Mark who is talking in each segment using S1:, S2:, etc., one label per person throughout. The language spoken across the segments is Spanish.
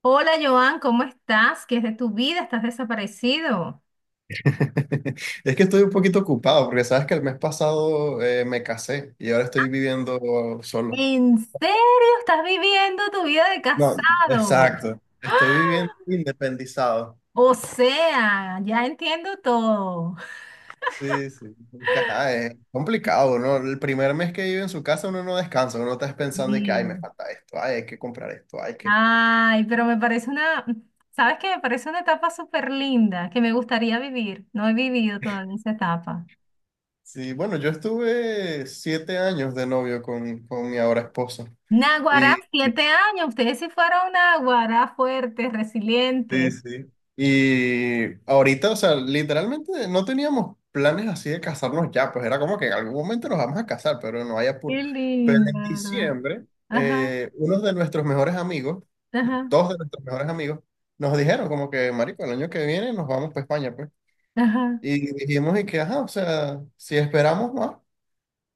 S1: Hola Joan, ¿cómo estás? ¿Qué es de tu vida? ¿Estás desaparecido?
S2: Es que estoy un poquito ocupado porque sabes que el mes pasado, me casé y ahora estoy viviendo solo.
S1: ¿En serio estás viviendo tu vida de
S2: No,
S1: casado?
S2: exacto. Estoy viviendo independizado.
S1: O sea, ya entiendo todo.
S2: Sí, sí. Es que, ajá, es complicado, ¿no? El primer mes que vive en su casa uno no descansa, uno está pensando de que, ay, me
S1: Sí.
S2: falta esto, ay, hay que comprar esto, hay que...
S1: Ay, pero me parece una, ¿sabes qué? Me parece una etapa súper linda que me gustaría vivir. No he vivido todavía esa etapa.
S2: Sí, bueno, yo estuve 7 años de novio con mi ahora esposo.
S1: Naguará, siete años. Ustedes sí fueron Naguará fuertes,
S2: Sí,
S1: resilientes.
S2: sí. Y ahorita, o sea, literalmente no teníamos planes así de casarnos ya, pues era como que en algún momento nos vamos a casar, pero no hay apuro.
S1: Qué
S2: Pero en
S1: linda, ¿verdad?
S2: diciembre,
S1: Ajá,
S2: unos de nuestros mejores amigos,
S1: ajá,
S2: dos de nuestros mejores amigos, nos dijeron como que, marico, el año que viene nos vamos para España, pues.
S1: ajá.
S2: Y dijimos y que, ajá, o sea, si esperamos más,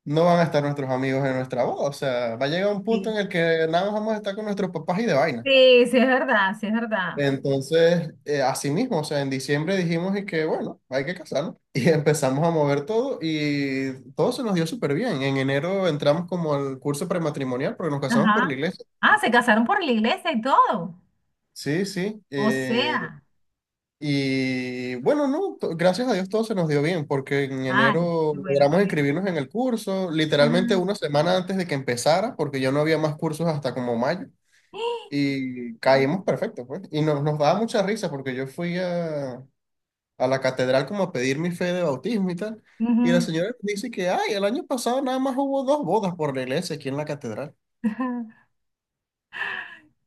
S2: no van a estar nuestros amigos en nuestra boda, o sea, va a llegar un punto
S1: Sí.
S2: en el que nada más vamos a estar con nuestros papás y de vaina.
S1: Sí. Sí es verdad, sí es verdad.
S2: Entonces, así mismo, o sea, en diciembre dijimos y que, bueno, hay que casarnos. Y empezamos a mover todo y todo se nos dio súper bien. En enero entramos como al curso prematrimonial porque nos casamos por la
S1: Ajá.
S2: iglesia.
S1: Ah, se casaron por la iglesia y todo.
S2: Sí, sí.
S1: O sea,
S2: Y bueno, no, gracias a Dios todo se nos dio bien porque en
S1: ay,
S2: enero
S1: qué bueno,
S2: logramos
S1: amén.
S2: inscribirnos en el curso,
S1: Ajá.
S2: literalmente una semana antes de que empezara, porque ya no había más cursos hasta como mayo.
S1: ¡Ah!
S2: Y
S1: Uy,
S2: caímos perfecto, pues. Y nos daba mucha risa porque yo fui a la catedral como a pedir mi fe de bautismo y tal. Y la
S1: ujú.
S2: señora me dice que, ay, el año pasado nada más hubo dos bodas por la iglesia aquí en la catedral.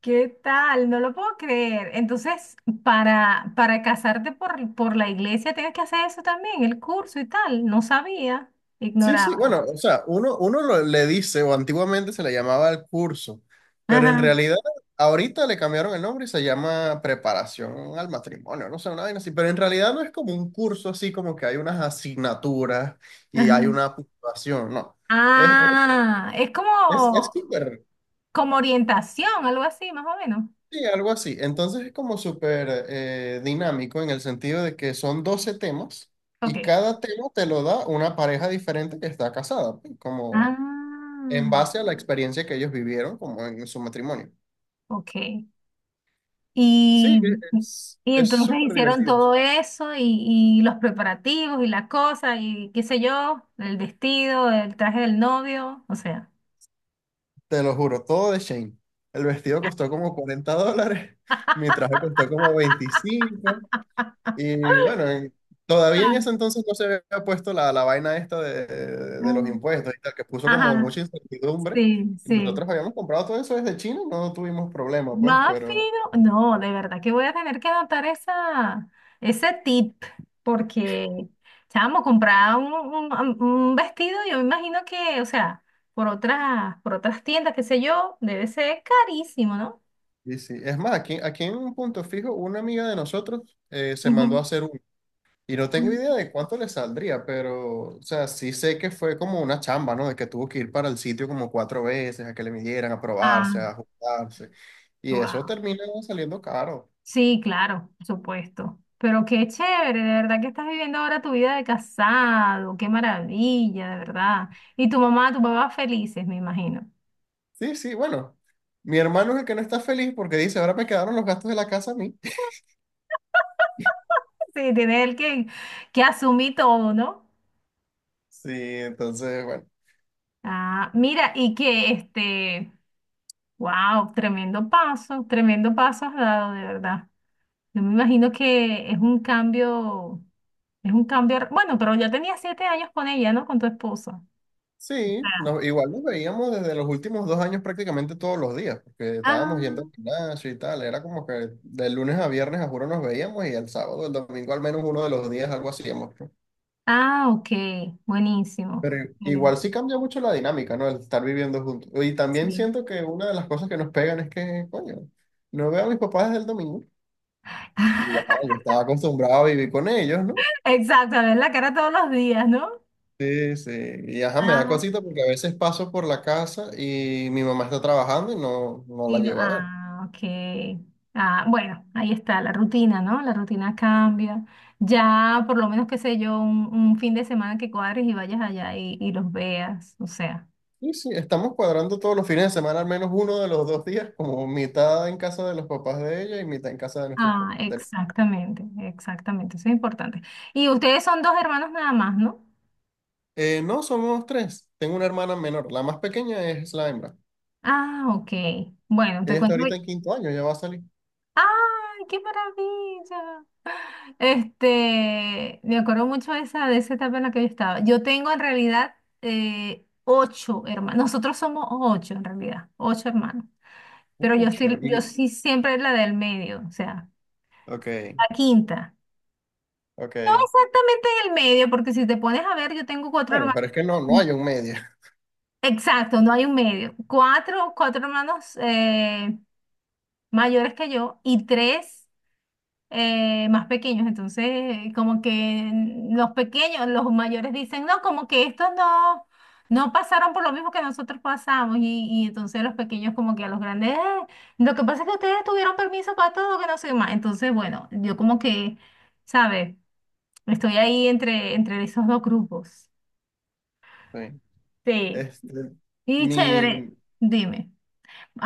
S1: ¿Qué tal? No lo puedo creer. Entonces, para casarte por la iglesia tienes que hacer eso también, el curso y tal. No sabía,
S2: Sí,
S1: ignoraba
S2: sí,
S1: eso.
S2: bueno, o sea, uno le dice, o antiguamente se le llamaba el curso, pero en
S1: Ajá,
S2: realidad ahorita le cambiaron el nombre y se llama preparación al matrimonio, no sé, una vaina así, pero en realidad no es como un curso así como que hay unas asignaturas y hay
S1: ajá.
S2: una puntuación, no. Es,
S1: Ah, es
S2: es, es
S1: como,
S2: súper
S1: orientación, algo así, más o menos.
S2: Sí, algo así. Entonces es como súper dinámico en el sentido de que son 12 temas y
S1: Ok.
S2: cada tema te lo da una pareja diferente que está casada, pues, como en
S1: Ah.
S2: base a la experiencia que ellos vivieron como en su matrimonio.
S1: Ok.
S2: Sí,
S1: Y,
S2: es,
S1: y
S2: es
S1: entonces
S2: súper
S1: hicieron
S2: divertido. Eso.
S1: todo eso y los preparativos y la cosa y qué sé yo, el vestido, el traje del novio, o sea.
S2: Te lo juro, todo de Shane. El vestido costó como $40, mi traje costó como 25. Y bueno, y todavía en ese entonces no se había puesto la vaina esta de los
S1: Ah.
S2: impuestos y tal, que puso como
S1: Ajá,
S2: mucha incertidumbre.
S1: sí,
S2: Y
S1: sí.
S2: nosotros habíamos comprado todo eso desde China y no tuvimos problema, pues,
S1: Más
S2: pero...
S1: fino. No, de verdad que voy a tener que anotar esa, ese tip porque, chamo, comprar un vestido, yo me imagino que, o sea, por otras tiendas, qué sé yo, debe ser carísimo, ¿no?
S2: Y sí, es más, aquí en un punto fijo, una amiga de nosotros se mandó a hacer uno. Y no tengo idea
S1: Ujú.
S2: de cuánto le saldría, pero, o sea, sí sé que fue como una chamba, ¿no? De que tuvo que ir para el sitio como cuatro veces, a que le midieran, a probarse,
S1: Ah,
S2: a ajustarse. Y eso
S1: wow.
S2: termina saliendo caro.
S1: Sí, claro, por supuesto. Pero qué chévere, de verdad que estás viviendo ahora tu vida de casado, qué maravilla, de verdad. Y tu mamá, tu papá felices, me imagino.
S2: Sí, sí, bueno. Mi hermano es el que no está feliz porque dice, ahora me quedaron los gastos de la casa a mí.
S1: Sí, tiene él que asumir todo, ¿no?
S2: Sí, entonces, bueno.
S1: Ah, mira, y que este, wow, tremendo paso has dado, de verdad. Yo me imagino que es un cambio, bueno, pero ya tenía siete años con ella, ¿no? Con tu esposa.
S2: Sí, igual nos veíamos desde los últimos 2 años prácticamente todos los días, porque estábamos yendo
S1: Ah.
S2: al gimnasio y tal. Era como que de lunes a viernes, a juro, nos veíamos y el sábado, el domingo, al menos uno de los días, algo hacíamos, ¿no?
S1: Ah, ok, buenísimo.
S2: Pero igual
S1: Excelente.
S2: sí cambia mucho la dinámica, ¿no? El estar viviendo juntos. Y también
S1: Sí.
S2: siento que una de las cosas que nos pegan es que, coño, no veo a mis papás desde el domingo. Y ya, yo estaba acostumbrado a vivir con ellos, ¿no?
S1: Exacto, a ver la cara todos los días, ¿no?
S2: Sí, sí. Y ajá, me da
S1: Ah,
S2: cosita porque a veces paso por la casa y mi mamá está trabajando y no la
S1: sí, no,
S2: llego a ver.
S1: ah, ok. Ah, bueno, ahí está la rutina, ¿no? La rutina cambia. Ya, por lo menos, qué sé yo, un fin de semana que cuadres y vayas allá y los veas, o sea.
S2: Sí, sí, estamos cuadrando todos los fines de semana, al menos uno de los dos días, como mitad en casa de los papás de ella y mitad en casa de nuestros
S1: Ah,
S2: papás.
S1: exactamente, exactamente, eso es importante. Y ustedes son dos hermanos nada más, ¿no?
S2: No, somos tres. Tengo una hermana menor. La más pequeña es la hembra.
S1: Ah, ok. Bueno, te
S2: Ella está
S1: cuento.
S2: ahorita en quinto año, ya va a salir.
S1: ¡Ay, qué maravilla! Este, me acuerdo mucho de esa etapa en la que yo estaba. Yo tengo en realidad ocho hermanos. Nosotros somos ocho en realidad, ocho hermanos. Pero yo
S2: Mucho.
S1: estoy, yo
S2: Y...
S1: sí siempre la del medio, o sea,
S2: Ok,
S1: la quinta. No
S2: ok.
S1: exactamente en el medio, porque si te pones a ver, yo tengo cuatro
S2: Bueno,
S1: hermanos.
S2: pero es que no, no hay un medio.
S1: Exacto, no hay un medio. Cuatro, cuatro hermanos mayores que yo y tres más pequeños. Entonces, como que los pequeños, los mayores dicen, no, como que estos no, no pasaron por lo mismo que nosotros pasamos. Y entonces los pequeños como que a los grandes, lo que pasa es que ustedes tuvieron permiso para todo, que no sé qué más". Entonces, bueno, yo como que, ¿sabes? Estoy ahí entre, esos dos grupos.
S2: Sí.
S1: Sí.
S2: Este,
S1: Y
S2: mi,
S1: chévere, dime.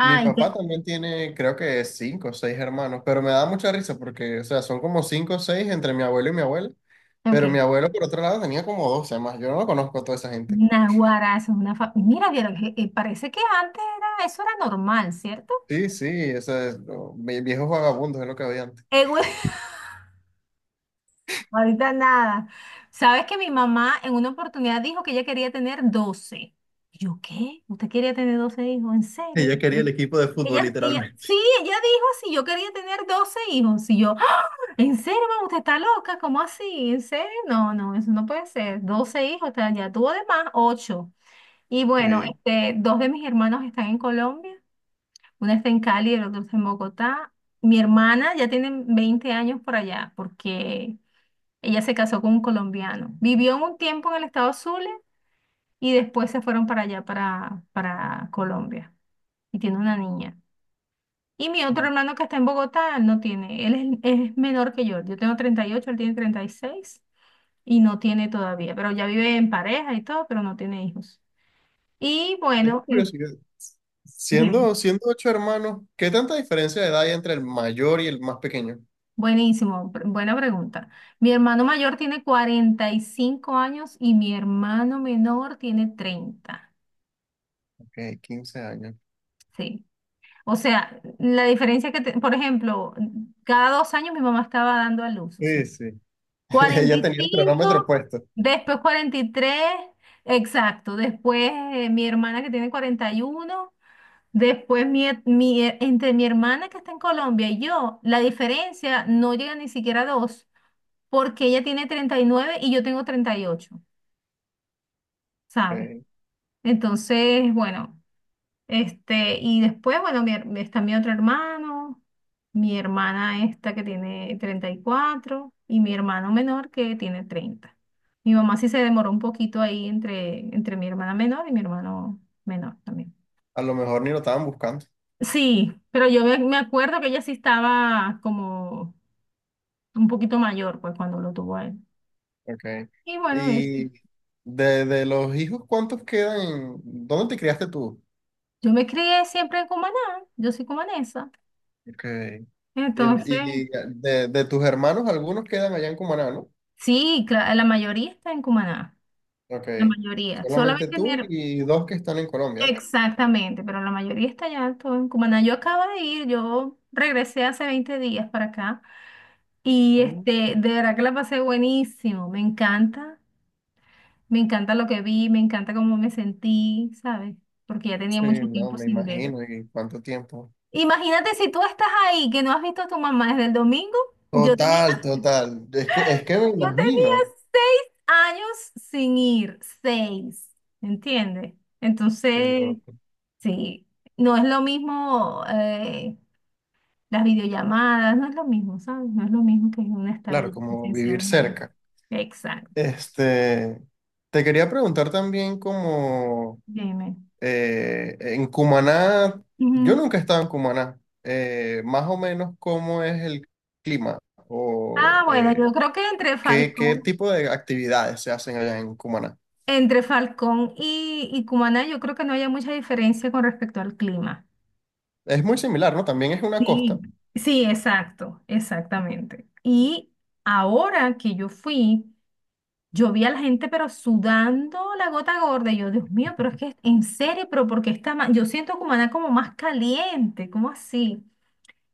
S2: mi papá
S1: te-
S2: también tiene, creo que cinco o seis hermanos, pero me da mucha risa porque, o sea, son como cinco o seis entre mi abuelo y mi abuela, pero mi
S1: ok.
S2: abuelo por otro lado tenía como 12 más, yo no conozco a toda esa gente.
S1: Naguará, eso es una fa- Mira, vieron, que- parece que antes era, eso era normal, ¿cierto?
S2: Sí, sí, eso es, no, viejos vagabundos es lo que había antes.
S1: Ahorita nada. Sabes que mi mamá en una oportunidad dijo que ella quería tener doce. Y yo, ¿qué? ¿Usted quería tener 12 hijos? ¿En
S2: Ella
S1: serio?
S2: quería el
S1: Bueno,
S2: equipo de fútbol,
S1: ella,
S2: literalmente.
S1: sí, ella dijo si yo quería tener 12 hijos. Y yo, "Ah, ¿en serio, mamá? ¿Usted está loca? ¿Cómo así? ¿En serio? No, no, eso no puede ser. Doce hijos, o sea, ya tuvo de más ocho". Y bueno,
S2: Sí.
S1: este, dos de mis hermanos están en Colombia. Una está en Cali y el otro está en Bogotá. Mi hermana ya tiene 20 años por allá, porque ella se casó con un colombiano. Vivió un tiempo en el estado Zulia y después se fueron para allá, para Colombia. Y tiene una niña. Y mi otro hermano que está en Bogotá no tiene. Él es menor que yo. Yo tengo treinta y ocho, él tiene treinta y seis y no tiene todavía. Pero ya vive en pareja y todo, pero no tiene hijos. Y
S2: Tengo
S1: bueno, es-
S2: curiosidad,
S1: dime.
S2: siendo ocho hermanos, ¿qué tanta diferencia de edad hay entre el mayor y el más pequeño?
S1: Buenísimo, pr- buena pregunta. Mi hermano mayor tiene 45 años y mi hermano menor tiene treinta.
S2: Ok, 15 años.
S1: Sí. O sea, la diferencia que, te- por ejemplo, cada dos años mi mamá estaba dando a luz, o sea,
S2: Sí, sí. Ella tenía el cronómetro
S1: 45,
S2: puesto.
S1: después 43, exacto, después mi hermana que tiene 41, después mi he- entre mi hermana que está en Colombia y yo, la diferencia no llega ni siquiera a dos, porque ella tiene treinta y nueve y yo tengo 38, ¿sabes?
S2: Ok.
S1: Entonces, bueno. Este, y después, bueno, mi her- está mi otro hermano, mi hermana esta que tiene treinta y cuatro y mi hermano menor que tiene 30. Mi mamá sí se demoró un poquito ahí entre, mi hermana menor y mi hermano menor también.
S2: A lo mejor ni lo estaban buscando.
S1: Sí, pero yo me acuerdo que ella sí estaba como un poquito mayor, pues, cuando lo tuvo a él.
S2: Okay.
S1: Y bueno, eso.
S2: Y de los hijos, ¿cuántos quedan? ¿Dónde te criaste tú?
S1: Yo me crié siempre en Cumaná, yo soy cumanesa.
S2: Okay. Y,
S1: Entonces,
S2: y de tus hermanos, algunos quedan allá en Cumaná, ¿no?
S1: sí, cla- la mayoría está en Cumaná. La
S2: Okay.
S1: mayoría.
S2: Solamente
S1: Solamente mi
S2: tú
S1: her-
S2: y dos que están en Colombia.
S1: Exactamente, pero la mayoría está allá, todo en Cumaná. Yo acabo de ir, yo regresé hace 20 días para acá y
S2: Mm.
S1: este, de verdad que la pasé buenísimo. Me encanta lo que vi, me encanta cómo me sentí, ¿sabes? Porque ya tenía
S2: Sí,
S1: mucho
S2: no,
S1: tiempo
S2: me
S1: sin ver.
S2: imagino. ¿Y cuánto tiempo?
S1: Imagínate si tú estás ahí, que no has visto a tu mamá desde el domingo. Yo tenía,
S2: Total, total. Es que me
S1: yo
S2: imagino.
S1: tenía seis años sin ir, seis, ¿entiendes?
S2: Qué
S1: Entonces...
S2: loco.
S1: Sí, no es lo mismo las videollamadas, no es lo mismo, ¿sabes? No es lo mismo que un estar allí
S2: Claro, como vivir
S1: presencialmente.
S2: cerca.
S1: Exacto,
S2: Este, te quería preguntar también como...
S1: dime.
S2: En Cumaná, yo
S1: Ujú.
S2: nunca he estado en Cumaná. Más o menos cómo es el clima o
S1: Ah, bueno, yo creo que entre
S2: qué
S1: Falcón,
S2: tipo de actividades se hacen allá en Cumaná.
S1: y Cumaná, yo creo que no haya mucha diferencia con respecto al clima.
S2: Es muy similar, ¿no? También es una costa.
S1: Sí. Sí, exacto, exactamente. Y ahora que yo fui, yo vi a la gente, pero sudando la gota gorda. Y yo, Dios mío, pero es que en serio, pero porque está ma- Yo siento Cumaná como más caliente, ¿cómo así?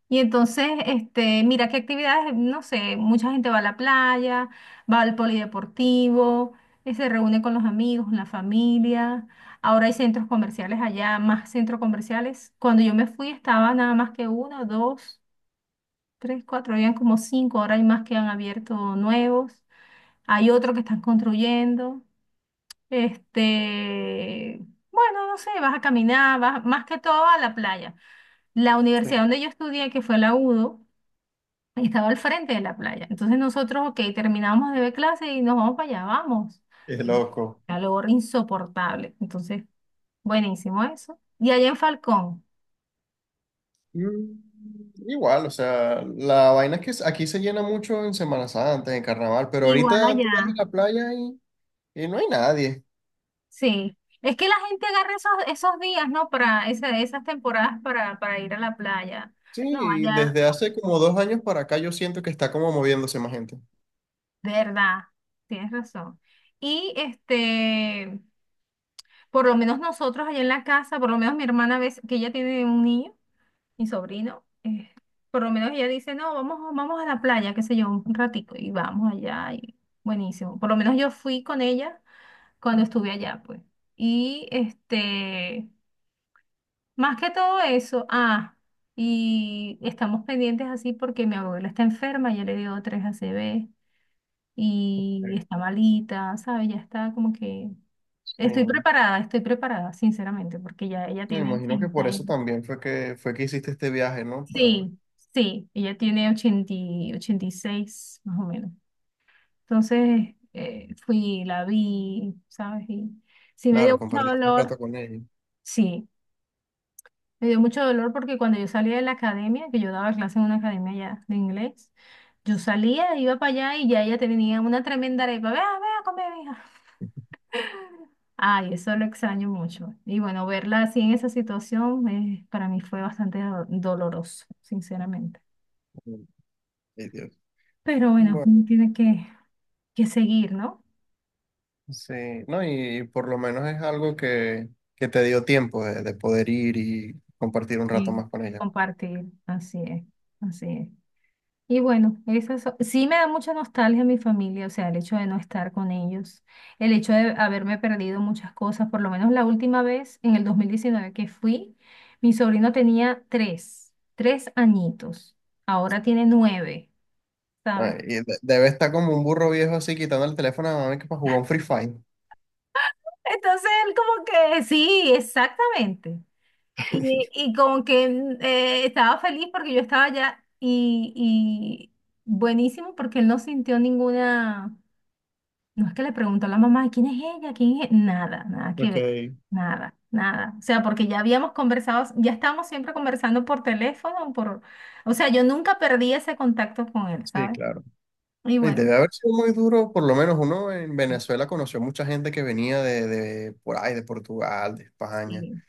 S1: Y entonces, este, mira qué actividades, no sé, mucha gente va a la playa, va al polideportivo, se reúne con los amigos, la familia. Ahora hay centros comerciales allá, más centros comerciales. Cuando yo me fui estaba nada más que uno, dos, tres, cuatro, habían como cinco, ahora hay más que han abierto nuevos. Hay otro que están construyendo. Este, bueno, no sé, vas a caminar, vas más que todo a la playa. La
S2: Sí.
S1: universidad donde yo estudié, que fue la UDO, estaba al frente de la playa. Entonces nosotros, ok, terminamos de ver clase y nos vamos para allá, vamos.
S2: Qué
S1: Qué
S2: loco.
S1: calor insoportable. Entonces, buenísimo eso. Y allá en Falcón,
S2: Mm. Igual, o sea, la vaina es que aquí se llena mucho en Semana Santa, en Carnaval, pero
S1: igual
S2: ahorita tú vas
S1: allá,
S2: a la playa y no hay nadie.
S1: sí. Es que la gente agarra esos días, ¿no? Para esa- esas temporadas para ir a la playa.
S2: Sí,
S1: No,
S2: y
S1: allá,
S2: desde hace como 2 años para acá yo siento que está como moviéndose más gente.
S1: de verdad, tienes razón. Y este, por lo menos nosotros allá en la casa, por lo menos mi hermana ves que ella tiene un niño, mi sobrino, por lo menos ella dice, no, vamos, vamos a la playa, qué sé yo, un ratico, y vamos allá, y buenísimo. Por lo menos yo fui con ella cuando estuve allá, pues. Y este, más que todo eso, ah, y estamos pendientes así porque mi abuela está enferma, ya le dio tres a C ACV
S2: Sí.
S1: y está malita, ¿sabes? Ya está como que...
S2: Sí.
S1: estoy preparada, sinceramente, porque ya ella
S2: Me
S1: tiene
S2: imagino que por
S1: 80
S2: eso
S1: y-
S2: también fue que hiciste este viaje, ¿no? Para,
S1: Sí, sí, ella tiene 80 y 86 más o menos. Entonces, fui, la vi, ¿sabes? Y sí me
S2: claro,
S1: dio mucho
S2: compartiste un
S1: dolor,
S2: rato con ellos.
S1: sí, me dio mucho dolor porque cuando yo salía de la academia, que yo daba clase en una academia ya de inglés, yo salía, iba para allá y ya ella tenía una tremenda arepa, vea, vea, come, mija. Ay, eso lo extraño mucho. Y bueno, verla así en esa situación para mí fue bastante do- doloroso, sinceramente.
S2: Mm, ay, Dios.
S1: Pero bueno,
S2: Bueno,
S1: uno tiene que seguir, ¿no?
S2: sí, no, y, por lo menos es algo que te dio tiempo de poder ir y compartir un rato
S1: Sí.
S2: más con ella.
S1: Compartir, así es, así es. Y bueno, esas so- sí me da mucha nostalgia a mi familia, o sea, el hecho de no estar con ellos, el hecho de haberme perdido muchas cosas, por lo menos la última vez, en el 2019 que fui, mi sobrino tenía tres añitos, ahora tiene nueve,
S2: Ay,
S1: ¿sabes?
S2: y debe estar como un burro viejo así quitando el teléfono a la mamá que para jugar un Free Fire.
S1: Entonces él como que, sí, exactamente. Y como que mm, estaba feliz porque yo estaba allá y buenísimo porque él no sintió ninguna, no es que le preguntó a la mamá, ¿quién es ella? ¿Quién es? E-?". Nada, nada que
S2: Ok,
S1: ver, nada, nada. O sea, porque ya habíamos conversado, ya estábamos siempre conversando por teléfono, por, o sea, yo nunca perdí ese contacto con él,
S2: sí,
S1: ¿sabes?
S2: claro.
S1: Y
S2: Y
S1: bueno,
S2: debe haber sido muy duro, por lo menos uno en Venezuela conoció mucha gente que venía de por ahí, de Portugal, de España.
S1: sí.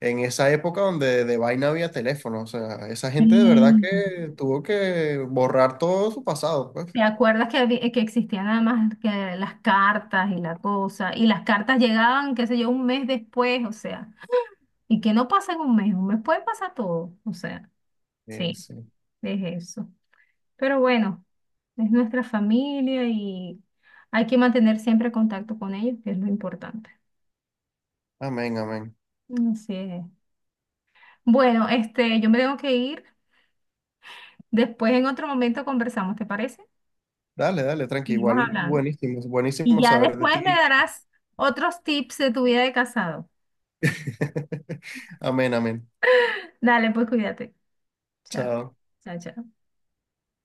S2: En esa época donde de vaina había teléfono. O sea, esa gente de verdad
S1: Sí.
S2: que tuvo que borrar todo su pasado, pues.
S1: ¿Te acuerdas que, había- que existían además que las cartas y la cosa? Y las cartas llegaban, qué sé yo, un mes después, o sea, y que no pasa en un mes puede pasar todo, o sea, sí,
S2: Sí.
S1: es eso. Pero bueno, es nuestra familia y hay que mantener siempre contacto con ellos, que es lo importante.
S2: Amén, amén.
S1: Así es. Bueno, este, yo me tengo que ir. Después en otro momento conversamos, ¿te parece?
S2: Dale, dale, tranqui.
S1: Seguimos
S2: Igual,
S1: hablando.
S2: buenísimo,
S1: Y
S2: buenísimo
S1: ya
S2: saber de
S1: después me
S2: ti.
S1: darás otros tips de tu vida de casado.
S2: Amén, amén.
S1: Dale, pues cuídate. Chao.
S2: Chao.
S1: Chao, chao.